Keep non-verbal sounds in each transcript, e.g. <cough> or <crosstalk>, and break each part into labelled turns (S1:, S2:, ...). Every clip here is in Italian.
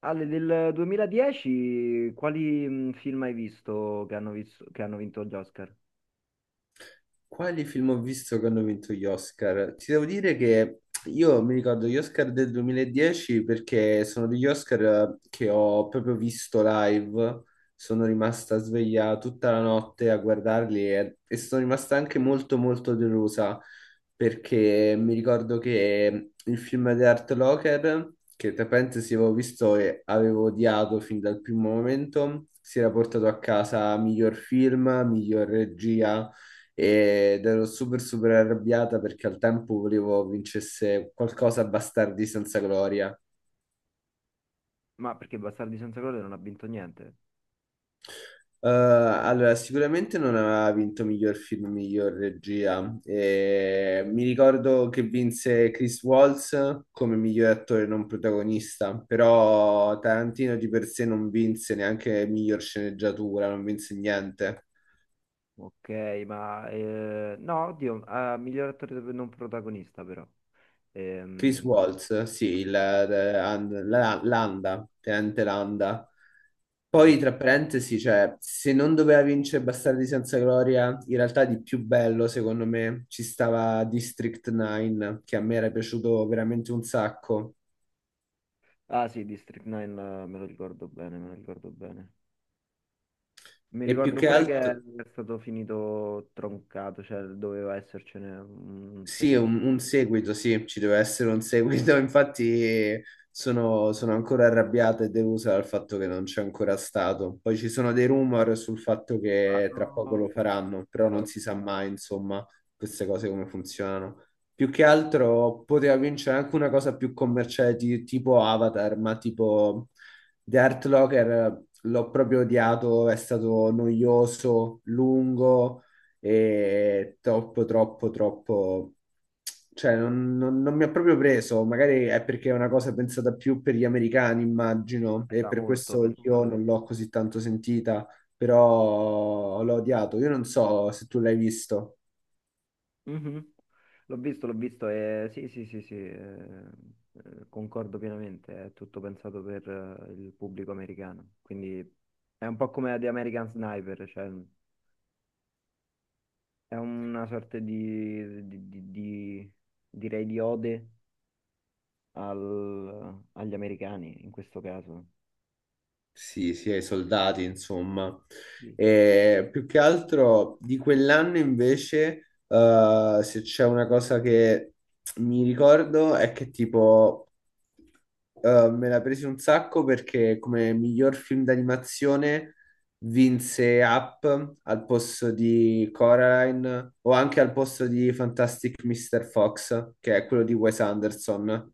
S1: Ale, del 2010 quali film hai visto che hanno vinto gli Oscar?
S2: Quali film ho visto che hanno vinto gli Oscar? Ti devo dire che io mi ricordo gli Oscar del 2010 perché sono degli Oscar che ho proprio visto live, sono rimasta sveglia tutta la notte a guardarli e sono rimasta anche molto molto delusa perché mi ricordo che il film di Art Locker, che tra parentesi avevo visto e avevo odiato fin dal primo momento, si era portato a casa miglior film, miglior regia ed ero super super arrabbiata perché al tempo volevo vincesse qualcosa a Bastardi senza gloria.
S1: Ma perché Bastardi senza gloria non ha vinto niente?
S2: Allora, sicuramente non aveva vinto miglior film, miglior regia. Mi ricordo che vinse Chris Waltz come miglior attore non protagonista, però Tarantino di per sé non vinse neanche miglior sceneggiatura, non vinse niente.
S1: Ok, no, oddio, ah, miglior attore non protagonista però.
S2: Chris
S1: Ehm,
S2: Waltz, sì,
S1: Attori,
S2: Landa, Tenente Landa. Poi,
S1: esatto.
S2: tra parentesi, cioè, se non doveva vincere Bastardi senza gloria, in realtà di più bello, secondo me, ci stava District 9, che a me era piaciuto veramente un sacco.
S1: Ah sì, District 9 me lo ricordo bene, me lo ricordo bene. Mi
S2: E più
S1: ricordo
S2: che
S1: pure che è
S2: altro,
S1: stato finito troncato, cioè doveva essercene un
S2: sì,
S1: secondo.
S2: un seguito, sì, ci deve essere un seguito. <laughs> Infatti sono ancora arrabbiata e delusa dal fatto che non c'è ancora stato. Poi ci sono dei rumor sul fatto
S1: Ah,
S2: che tra poco lo
S1: no,
S2: faranno, però non si sa mai, insomma, queste cose come funzionano. Più che altro poteva vincere anche una cosa più commerciale tipo Avatar, ma tipo The Art Locker l'ho proprio odiato, è stato noioso, lungo e troppo, troppo, troppo. Cioè, non mi ha proprio preso, magari è perché è una cosa pensata più per gli americani, immagino, e
S1: era
S2: per
S1: molto
S2: questo io
S1: pensato.
S2: non l'ho così tanto sentita, però l'ho odiato. Io non so se tu l'hai visto.
S1: Mhm. L'ho visto e sì, sì, sì, sì, concordo pienamente, è tutto pensato per il pubblico americano, quindi è un po' come The American Sniper, cioè è una sorta di, direi di ode agli americani in questo caso.
S2: Sì, sì, ai soldati, insomma.
S1: Sì.
S2: E più che altro di quell'anno invece, se c'è una cosa che mi ricordo è che tipo me la presi un sacco perché come miglior film d'animazione vinse Up al posto di Coraline o anche al posto di Fantastic Mr. Fox, che è quello di Wes Anderson.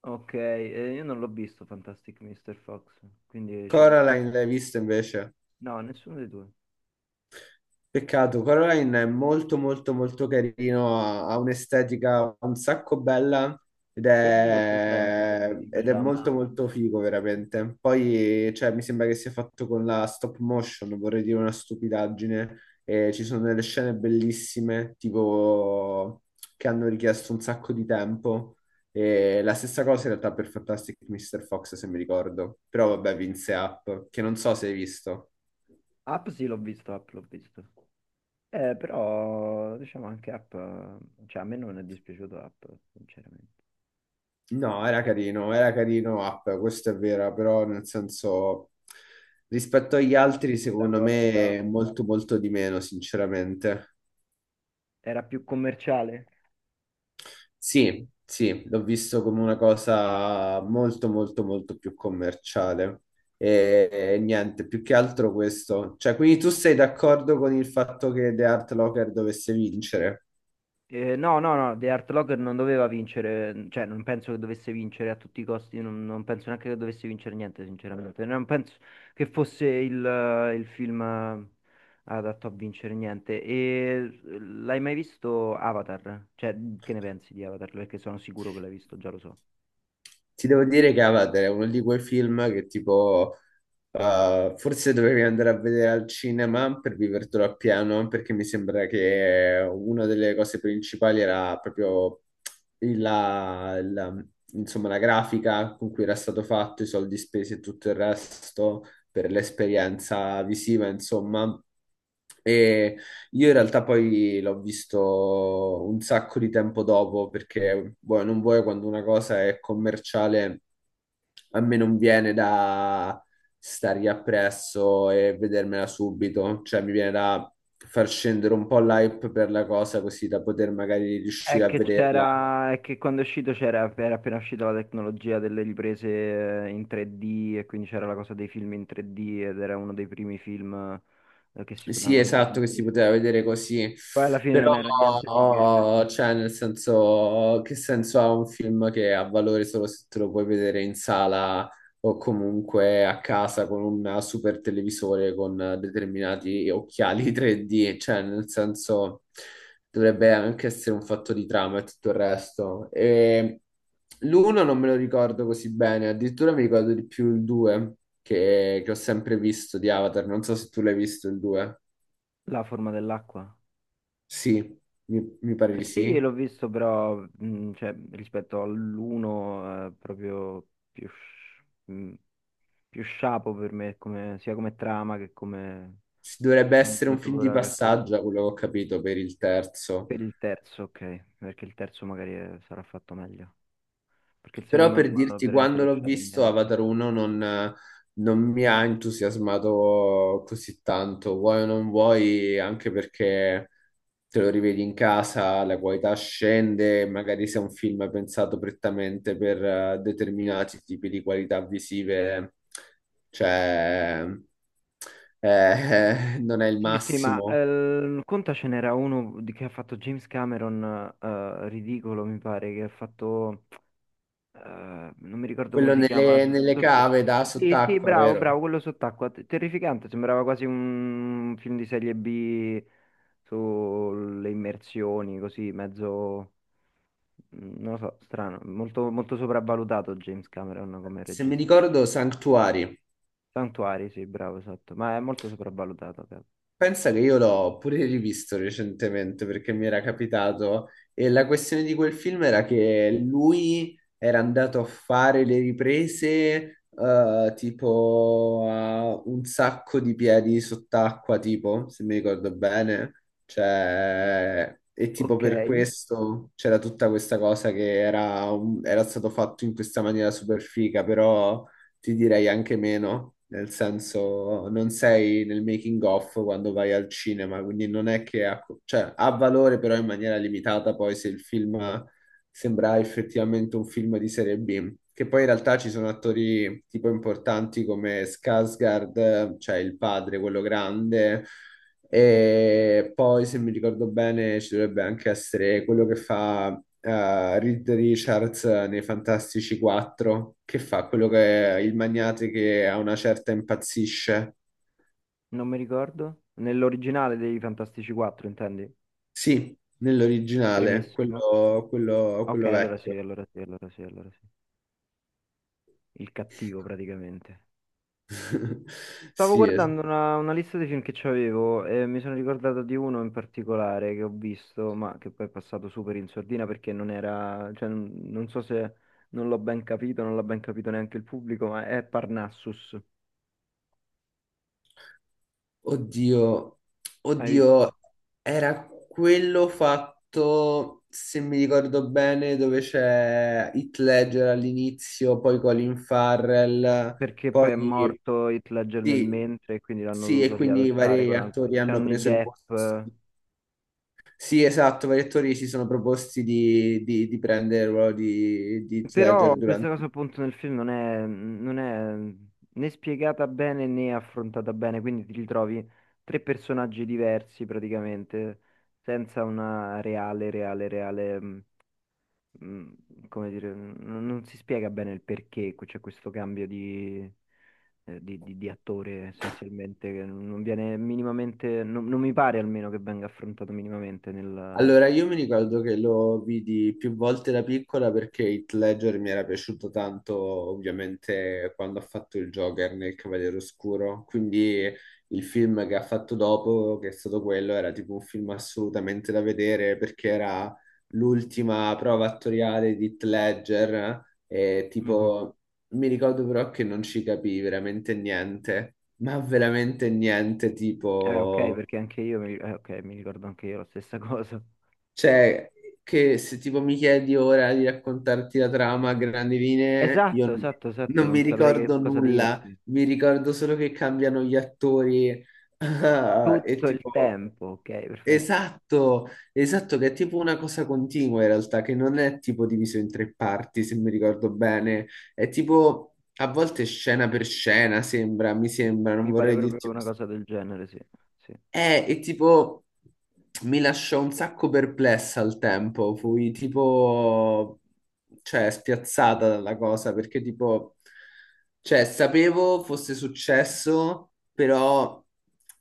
S1: Ok, io non l'ho visto Fantastic Mr. Fox, quindi ci sta.
S2: Coraline l'hai visto invece?
S1: No, nessuno dei due.
S2: Peccato, Coraline è molto molto molto carino, ha un'estetica un sacco bella
S1: Quello ce l'ho presente che sto di
S2: ed è
S1: Caccia, ma
S2: molto molto figo veramente. Poi cioè, mi sembra che sia fatto con la stop motion, vorrei dire una stupidaggine, e ci sono delle scene bellissime, tipo che hanno richiesto un sacco di tempo. E la stessa cosa in realtà per Fantastic Mr. Fox, se mi ricordo, però vabbè, vinse Up, che non so se hai visto.
S1: Up sì l'ho visto, Up l'ho visto. Però diciamo anche app, cioè a me non è dispiaciuto app, sinceramente.
S2: No, era carino Up, questo è vero, però nel senso rispetto agli
S1: Dici
S2: altri
S1: la
S2: secondo
S1: cosa.
S2: me è molto molto di meno, sinceramente.
S1: Era più commerciale.
S2: Sì, sì, l'ho visto come una cosa molto molto molto più commerciale e, e niente, più che altro questo. Cioè, quindi tu sei d'accordo con il fatto che The Art Locker dovesse vincere?
S1: No, no, no, The Art Locker non doveva vincere, cioè non penso che dovesse vincere a tutti i costi, non penso neanche che dovesse vincere niente, sinceramente. Non penso che fosse il film adatto a vincere niente. E, l'hai mai visto Avatar? Cioè, che ne pensi di Avatar? Perché sono sicuro che l'hai visto, già lo so.
S2: Ti devo dire che Avatar è uno di quei film che tipo forse dovevi andare a vedere al cinema per vivertelo appieno, perché mi sembra che una delle cose principali era proprio il- la, la- insomma, la grafica con cui era stato fatto, i soldi spesi e tutto il resto per l'esperienza visiva, insomma. E io in realtà poi l'ho visto un sacco di tempo dopo perché vuoi non vuoi quando una cosa è commerciale a me non viene da stargli appresso e vedermela subito, cioè mi viene da far scendere un po' l'hype per la cosa così da poter magari
S1: È
S2: riuscire a
S1: che
S2: vederla.
S1: c'era, è che quando è uscito c'era, era appena uscita la tecnologia delle riprese in 3D e quindi c'era la cosa dei film in 3D ed era uno dei primi film che si
S2: Sì,
S1: potevano vedere
S2: esatto,
S1: in
S2: che si
S1: 3D.
S2: poteva vedere così,
S1: Poi alla fine
S2: però,
S1: non era niente di che.
S2: oh, cioè, nel senso, che senso ha un film che ha valore solo se te lo puoi vedere in sala o comunque a casa con un super televisore con determinati occhiali <laughs> 3D, cioè, nel senso, dovrebbe anche essere un fatto di trama e tutto il resto. E l'uno non me lo ricordo così bene, addirittura mi ricordo di più il 2 che ho sempre visto di Avatar, non so se tu l'hai visto il 2.
S1: La forma dell'acqua.
S2: Sì, mi pare di
S1: Sì,
S2: sì.
S1: l'ho visto però cioè, rispetto all'uno è proprio più, sci- mh, più sciapo per me sia come trama che come
S2: Dovrebbe essere un film di
S1: sceneggiatura che tutto.
S2: passaggio, da quello che ho capito, per il terzo.
S1: Per il terzo, ok, perché il terzo magari sarà fatto meglio, perché il
S2: Però
S1: secondo non
S2: per
S1: mi ha
S2: dirti,
S1: veramente
S2: quando l'ho
S1: lasciato
S2: visto,
S1: niente.
S2: Avatar 1 non, non mi ha entusiasmato così tanto. Vuoi o non vuoi, anche perché te lo rivedi in casa, la qualità scende, magari se è un film pensato prettamente per determinati tipi di qualità visive, cioè, <laughs> non è il
S1: Sì, sì, ma
S2: massimo.
S1: conta ce n'era uno di che ha fatto James Cameron, ridicolo mi pare, che ha fatto, non mi ricordo come
S2: Quello
S1: si chiama,
S2: nelle,
S1: so-
S2: nelle
S1: sotto...
S2: cave da
S1: Sì, sì,
S2: sott'acqua,
S1: bravo,
S2: vero?
S1: bravo, quello sott'acqua, terrificante, sembrava quasi un film di serie B sulle immersioni, così, mezzo. Mm, non lo so, strano, molto, molto sopravvalutato James Cameron come
S2: Se mi
S1: regista.
S2: ricordo, Sanctuary.
S1: Santuari, sì, bravo, esatto, ma è molto sopravvalutato. Cavolo.
S2: Pensa che io l'ho pure rivisto recentemente perché mi era capitato e la questione di quel film era che lui era andato a fare le riprese tipo a un sacco di piedi sott'acqua, tipo, se mi ricordo bene. Cioè, e tipo
S1: Ok,
S2: per questo c'era tutta questa cosa che era, era stato fatto in questa maniera super figa, però ti direi anche meno, nel senso non sei nel making of quando vai al cinema, quindi non è che ha, cioè, ha valore però in maniera limitata poi se il film sembra effettivamente un film di serie B, che poi in realtà ci sono attori tipo importanti come Skarsgård, cioè il padre, quello grande,
S1: Mm,
S2: e poi, se mi ricordo bene, ci dovrebbe anche essere quello che fa Reed Richards nei Fantastici 4, che fa quello che è il magnate che a una certa impazzisce.
S1: non mi ricordo. Nell'originale dei Fantastici 4, intendi?
S2: Sì, nell'originale,
S1: Primissimo.
S2: quello, quello-
S1: Ok,
S2: quello
S1: allora sì,
S2: vecchio.
S1: allora sì, allora sì, allora sì. Il cattivo praticamente.
S2: <laughs>
S1: Stavo
S2: Sì,
S1: guardando una lista dei film che c'avevo e mi sono ricordato di uno in particolare che ho visto, ma che poi è passato super in sordina perché non era, cioè, non so se non l'ho ben capito, non l'ha ben capito neanche il pubblico, ma è Parnassus.
S2: oddio,
S1: Hai visto?
S2: oddio, era quello fatto, se mi ricordo bene, dove c'è Heath Ledger all'inizio, poi Colin Farrell,
S1: Perché
S2: poi
S1: poi è morto Heath Ledger nel
S2: sì,
S1: mentre e quindi l'hanno
S2: sì, e
S1: dovuto
S2: quindi
S1: riadattare
S2: vari
S1: con altri.
S2: attori hanno
S1: Johnny
S2: preso il posto.
S1: Depp.
S2: Sì, esatto, vari attori si sono proposti di prendere il ruolo di Heath
S1: Però
S2: Ledger
S1: questa
S2: durante.
S1: cosa appunto nel film non è né spiegata bene né affrontata bene, quindi ti ritrovi tre personaggi diversi praticamente, senza una reale, reale, reale, mh, come dire, non si spiega bene il perché c'è questo cambio di attore essenzialmente, che non viene minimamente, non mi pare almeno che venga affrontato minimamente nel.
S2: Allora, io mi ricordo che lo vidi più volte da piccola perché Heath Ledger mi era piaciuto tanto, ovviamente, quando ha fatto il Joker nel Cavaliere Oscuro. Quindi il film che ha fatto dopo, che è stato quello, era tipo un film assolutamente da vedere perché era l'ultima prova attoriale di Heath Ledger e
S1: Mhm.
S2: tipo mi ricordo però che non ci capii veramente niente, ma veramente niente,
S1: Ok,
S2: tipo.
S1: perché anche io mi, ok, mi ricordo anche io la stessa <laughs> cosa.
S2: Cioè, che se tipo mi chiedi ora di raccontarti la trama a grandi linee, io
S1: Esatto, esatto, esatto,
S2: non mi
S1: non saprei che
S2: ricordo
S1: cosa
S2: nulla,
S1: dirti.
S2: mi ricordo solo che cambiano gli attori. <laughs> Ah, e
S1: Tutto il
S2: tipo,
S1: tempo, ok, perfetto.
S2: esatto, esatto, che è tipo una cosa continua in realtà, che non è tipo diviso in tre parti, se mi ricordo bene, è tipo a volte scena per scena, sembra, mi sembra, non
S1: Mi pare
S2: vorrei
S1: proprio
S2: dirti
S1: una cosa del genere, sì. Sì.
S2: e tipo mi lasciò un sacco perplessa al tempo, fui tipo, cioè, spiazzata dalla cosa perché tipo, cioè, sapevo fosse successo, però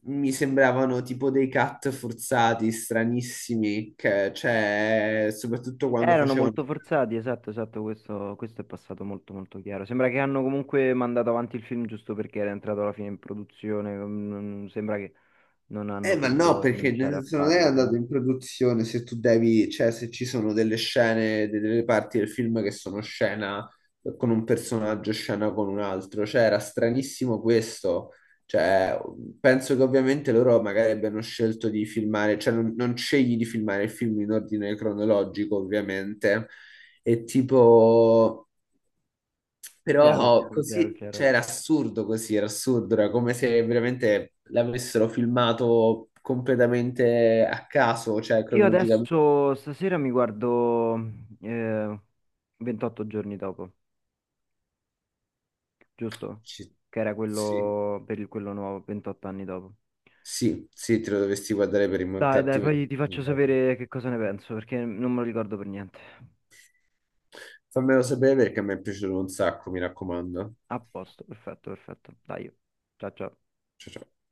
S2: mi sembravano tipo dei cut forzati, stranissimi, che, cioè, soprattutto quando
S1: Erano
S2: facevano.
S1: molto forzati, esatto, esatto, questo è passato molto molto chiaro. Sembra che hanno comunque mandato avanti il film giusto perché era entrato alla fine in produzione, sembra che non hanno
S2: Ma no,
S1: potuto
S2: perché nel
S1: rinunciare a
S2: senso non è
S1: farlo
S2: andato
S1: comunque.
S2: in produzione se tu devi, cioè se ci sono delle scene, delle parti del film che sono scena con un personaggio, scena con un altro, cioè era stranissimo questo, cioè penso che ovviamente loro magari abbiano scelto di filmare, cioè non scegli di filmare il film in ordine cronologico ovviamente, e tipo.
S1: Chiaro,
S2: Però
S1: chiaro, chiaro,
S2: così, cioè
S1: chiaro.
S2: era assurdo così, era assurdo, era come se veramente l'avessero filmato completamente a caso, cioè
S1: Io
S2: cronologicamente.
S1: adesso stasera mi guardo eh, 28 giorni dopo, giusto?
S2: Ci-
S1: Che era
S2: Sì,
S1: quello per quello nuovo, 28 anni dopo.
S2: sì, sì, te lo dovresti guardare per
S1: Dai, dai,
S2: rimontarti.
S1: poi ti faccio
S2: 20 anni dopo.
S1: sapere che cosa ne penso, perché non me lo ricordo per niente.
S2: Fammelo sapere perché mi è piaciuto un sacco, mi raccomando.
S1: A posto, perfetto, perfetto. Dai, ciao ciao.
S2: Ciao, ciao.